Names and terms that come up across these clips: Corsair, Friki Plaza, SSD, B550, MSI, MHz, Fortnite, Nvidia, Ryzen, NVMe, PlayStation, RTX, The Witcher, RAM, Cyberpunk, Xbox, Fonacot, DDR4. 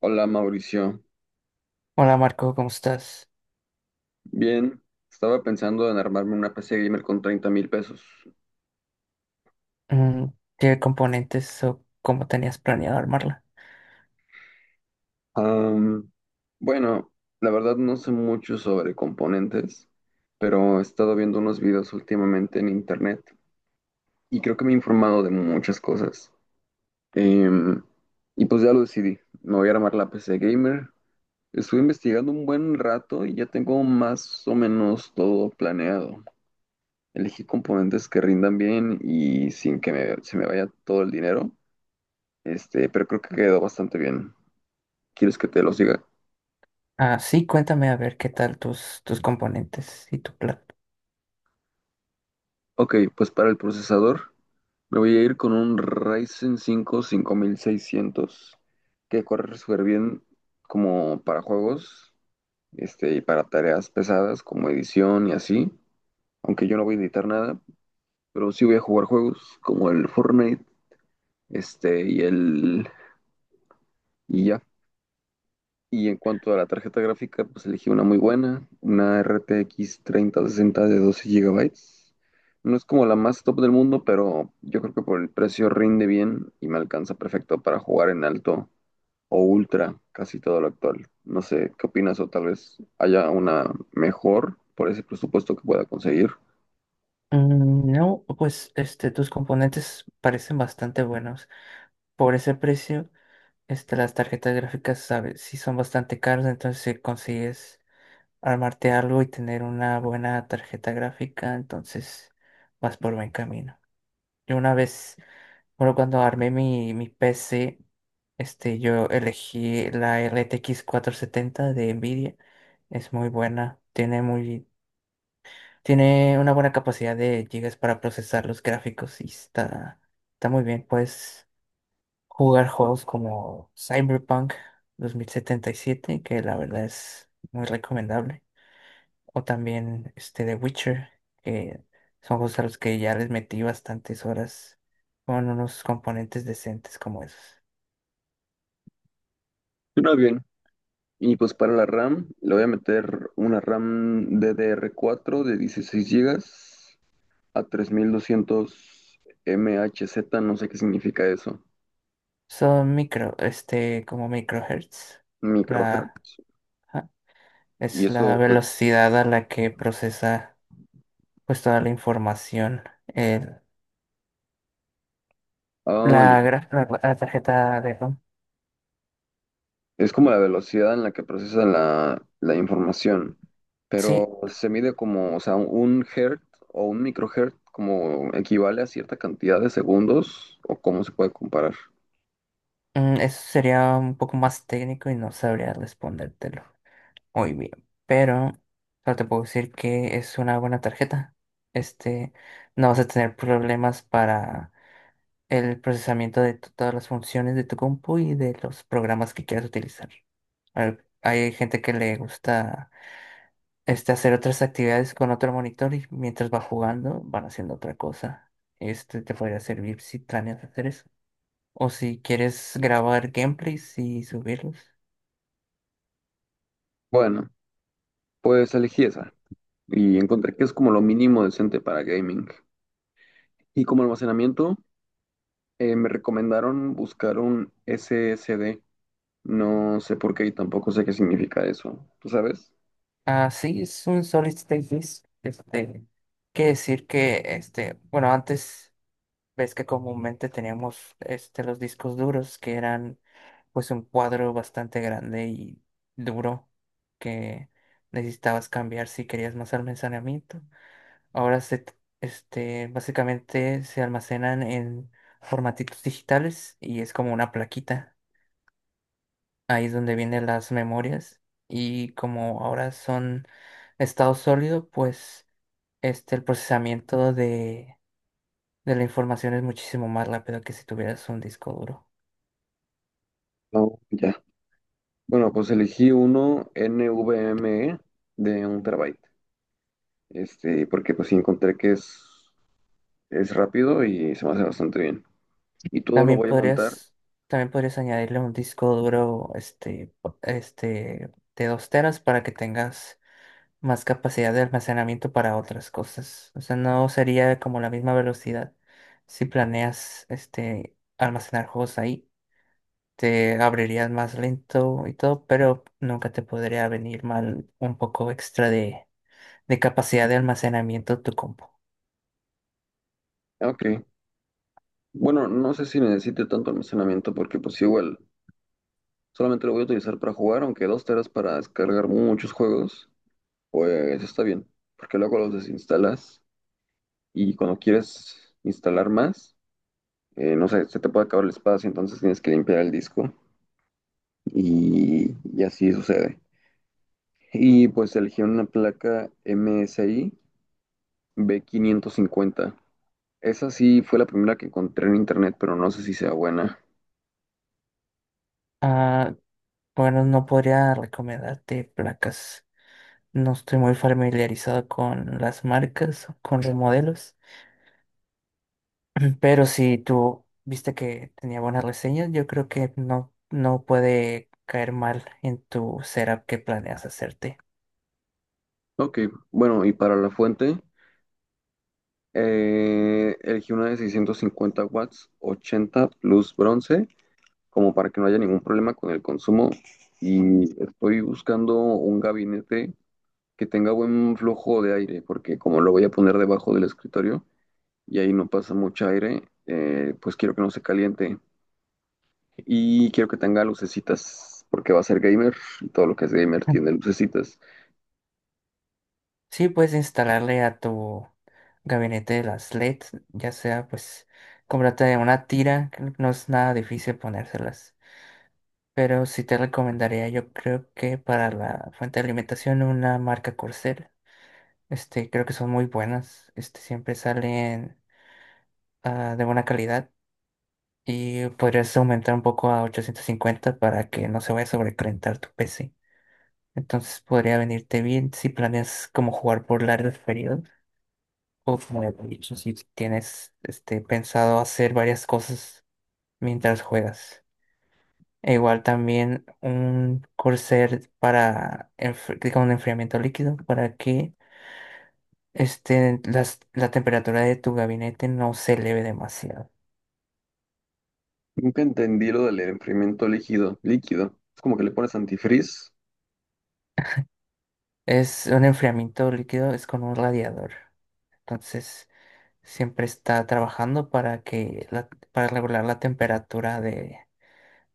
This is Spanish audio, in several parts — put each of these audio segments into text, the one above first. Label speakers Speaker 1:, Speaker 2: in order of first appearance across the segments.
Speaker 1: Hola Mauricio,
Speaker 2: Hola Marco, ¿cómo estás?
Speaker 1: bien, estaba pensando en armarme una PC gamer con 30,000 pesos.
Speaker 2: Mm, ¿Qué componentes o cómo tenías planeado armarla?
Speaker 1: Am, bueno, la verdad no sé mucho sobre componentes, pero he estado viendo unos videos últimamente en internet y creo que me he informado de muchas cosas. Em, y pues ya lo decidí, me voy a armar la PC gamer. Estuve investigando un buen rato y ya tengo más o menos todo planeado. Elegí componentes que rindan bien y sin que se me vaya todo el dinero. Pero creo que quedó bastante bien. ¿Quieres que te los diga?
Speaker 2: Ah, sí, cuéntame a ver qué tal tus componentes y tu plan.
Speaker 1: Ok, pues para el procesador me voy a ir con un Ryzen 5 5600, que corre súper bien como para juegos, y para tareas pesadas como edición y así. Aunque yo no voy a editar nada, pero sí voy a jugar juegos como el Fortnite, este, y el y ya. Y en cuanto a la tarjeta gráfica, pues elegí una muy buena, una RTX 3060 de 12 gigabytes. No es como la más top del mundo, pero yo creo que por el precio rinde bien y me alcanza perfecto para jugar en alto o ultra casi todo lo actual. No sé, ¿qué opinas? O tal vez haya una mejor por ese presupuesto que pueda conseguir.
Speaker 2: No, pues tus componentes parecen bastante buenos. Por ese precio, las tarjetas gráficas, sabes, sí son bastante caras, entonces si consigues armarte algo y tener una buena tarjeta gráfica, entonces vas por buen camino. Yo una vez Bueno, cuando armé mi PC, yo elegí la RTX 70 de Nvidia. Es muy buena, tiene una buena capacidad de gigas para procesar los gráficos y está muy bien. Puedes jugar juegos como Cyberpunk 2077, que la verdad es muy recomendable. O también The Witcher, que son juegos a los que ya les metí bastantes horas con unos componentes decentes como esos.
Speaker 1: Suena bien. Y pues para la RAM, le voy a meter una RAM DDR4 de 16 gigas a 3200 MHz, no sé qué significa eso.
Speaker 2: Son como microhertz. La,
Speaker 1: Microhertz.
Speaker 2: ajá,
Speaker 1: Y
Speaker 2: es la
Speaker 1: eso, pues,
Speaker 2: velocidad a la que procesa pues toda la información. el-
Speaker 1: ah, ya,
Speaker 2: la tarjeta de RAM.
Speaker 1: es como la velocidad en la que procesa la información.
Speaker 2: Sí,
Speaker 1: Pero se mide como, o sea, un hertz o un microhertz como equivale a cierta cantidad de segundos o cómo se puede comparar.
Speaker 2: eso sería un poco más técnico y no sabría respondértelo muy bien. Pero solo te puedo decir que es una buena tarjeta. Este, no vas a tener problemas para el procesamiento de todas las funciones de tu compu y de los programas que quieras utilizar. Hay gente que le gusta hacer otras actividades con otro monitor y mientras va jugando van haciendo otra cosa. Este te podría servir si planeas hacer eso. O si quieres grabar gameplays y subirlos.
Speaker 1: Bueno, pues elegí esa y encontré que es como lo mínimo decente para gaming. Y como almacenamiento, me recomendaron buscar un SSD. No sé por qué y tampoco sé qué significa eso. ¿Tú sabes?
Speaker 2: Ah, sí, es un solid state disk. Quiere decir que, bueno, antes ves que comúnmente teníamos los discos duros, que eran pues un cuadro bastante grande y duro que necesitabas cambiar si querías más almacenamiento. Ahora básicamente se almacenan en formatitos digitales y es como una plaquita. Ahí es donde vienen las memorias y como ahora son estado sólido, pues el procesamiento de la información es muchísimo más rápido que si tuvieras un disco duro.
Speaker 1: No, ya. Bueno, pues elegí uno NVMe de un terabyte. Porque pues sí encontré que es rápido y se me hace bastante bien. Y todo lo
Speaker 2: También
Speaker 1: voy a montar.
Speaker 2: podrías, también podrías añadirle un disco duro de 2 teras para que tengas más capacidad de almacenamiento para otras cosas. O sea, no sería como la misma velocidad. Si planeas almacenar juegos ahí, te abrirías más lento y todo, pero nunca te podría venir mal un poco extra de capacidad de almacenamiento tu compu.
Speaker 1: Ah, ok. Bueno, no sé si necesite tanto almacenamiento porque pues igual solamente lo voy a utilizar para jugar, aunque 2 teras para descargar muchos juegos, pues está bien. Porque luego los desinstalas y cuando quieres instalar más, no sé, se te puede acabar el espacio, entonces tienes que limpiar el disco y así sucede. Y pues elegí una placa MSI B550. Esa sí fue la primera que encontré en internet, pero no sé si sea buena.
Speaker 2: Ah, bueno, no podría recomendarte placas. No estoy muy familiarizado con las marcas, con los modelos, pero si tú viste que tenía buenas reseñas, yo creo que no puede caer mal en tu setup que planeas hacerte.
Speaker 1: Ok, bueno, y para la fuente, elegí una de 650 watts, 80 plus bronce, como para que no haya ningún problema con el consumo. Y estoy buscando un gabinete que tenga buen flujo de aire, porque como lo voy a poner debajo del escritorio y ahí no pasa mucho aire, pues quiero que no se caliente y quiero que tenga lucecitas, porque va a ser gamer y todo lo que es gamer
Speaker 2: Mm.
Speaker 1: tiene lucecitas.
Speaker 2: Sí, puedes instalarle a tu gabinete las LEDs, ya sea pues cómprate una tira, que no es nada difícil ponérselas. Pero sí te recomendaría, yo creo que para la fuente de alimentación, una marca Corsair. Creo que son muy buenas. Siempre salen de buena calidad. Y podrías aumentar un poco a 850 para que no se vaya a sobrecalentar tu PC. Entonces podría venirte bien si planeas como jugar por largos periodos. O como ya te he dicho, si tienes pensado hacer varias cosas mientras juegas. E igual también un Corsair para con enfriamiento líquido, para que la temperatura de tu gabinete no se eleve demasiado.
Speaker 1: Nunca entendí lo del enfriamiento líquido, líquido. Es como que le pones antifreeze.
Speaker 2: Es un enfriamiento líquido, es con un radiador. Entonces, siempre está trabajando para que para regular la temperatura de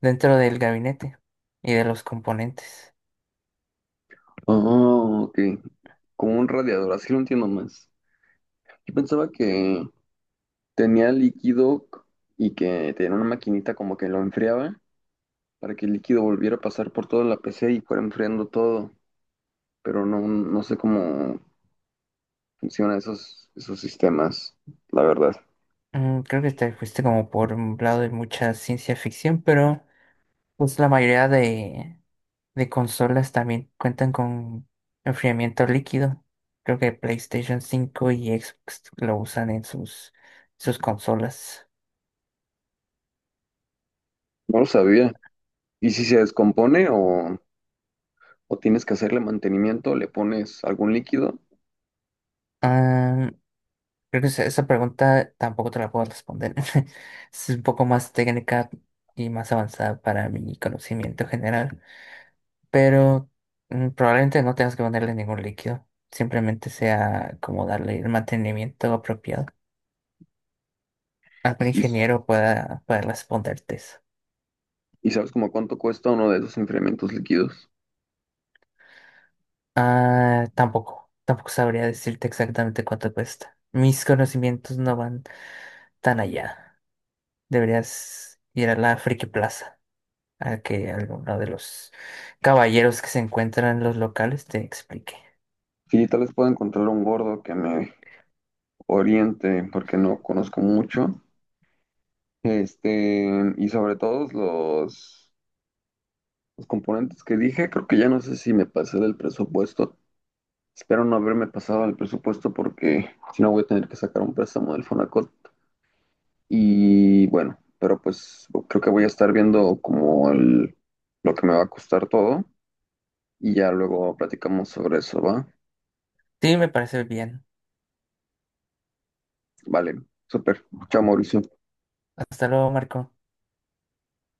Speaker 2: dentro del gabinete y de los componentes.
Speaker 1: Oh, ok. Como un radiador, así lo entiendo más. Yo pensaba que tenía líquido y que tenía una maquinita como que lo enfriaba para que el líquido volviera a pasar por toda la PC y fuera enfriando todo, pero no, no sé cómo funcionan esos sistemas, la verdad.
Speaker 2: Creo que te fuiste como por un lado de mucha ciencia ficción, pero pues la mayoría de consolas también cuentan con enfriamiento líquido. Creo que PlayStation 5 y Xbox lo usan en sus consolas.
Speaker 1: No lo sabía. ¿Y si se descompone o tienes que hacerle mantenimiento, le pones algún líquido
Speaker 2: Ah, creo que esa pregunta tampoco te la puedo responder. Es un poco más técnica y más avanzada para mi conocimiento general. Pero probablemente no tengas que ponerle ningún líquido. Simplemente sea como darle el mantenimiento apropiado. Algún
Speaker 1: y, s-
Speaker 2: ingeniero pueda responderte eso.
Speaker 1: y sabes como cuánto cuesta uno de esos enfriamientos líquidos?
Speaker 2: Ah, tampoco sabría decirte exactamente cuánto cuesta. Mis conocimientos no van tan allá. Deberías ir a la Friki Plaza, a que alguno de los caballeros que se encuentran en los locales te explique.
Speaker 1: Sí, tal vez pueda encontrar un gordo que me oriente porque no conozco mucho. Este, y sobre todos los componentes que dije, creo que ya no sé si me pasé del presupuesto. Espero no haberme pasado al presupuesto porque si no voy a tener que sacar un préstamo del Fonacot. Y bueno, pero pues creo que voy a estar viendo como lo que me va a costar todo, y ya luego platicamos sobre eso, ¿va?
Speaker 2: Sí, me parece bien.
Speaker 1: Vale, súper. Chao, Mauricio.
Speaker 2: Hasta luego, Marco.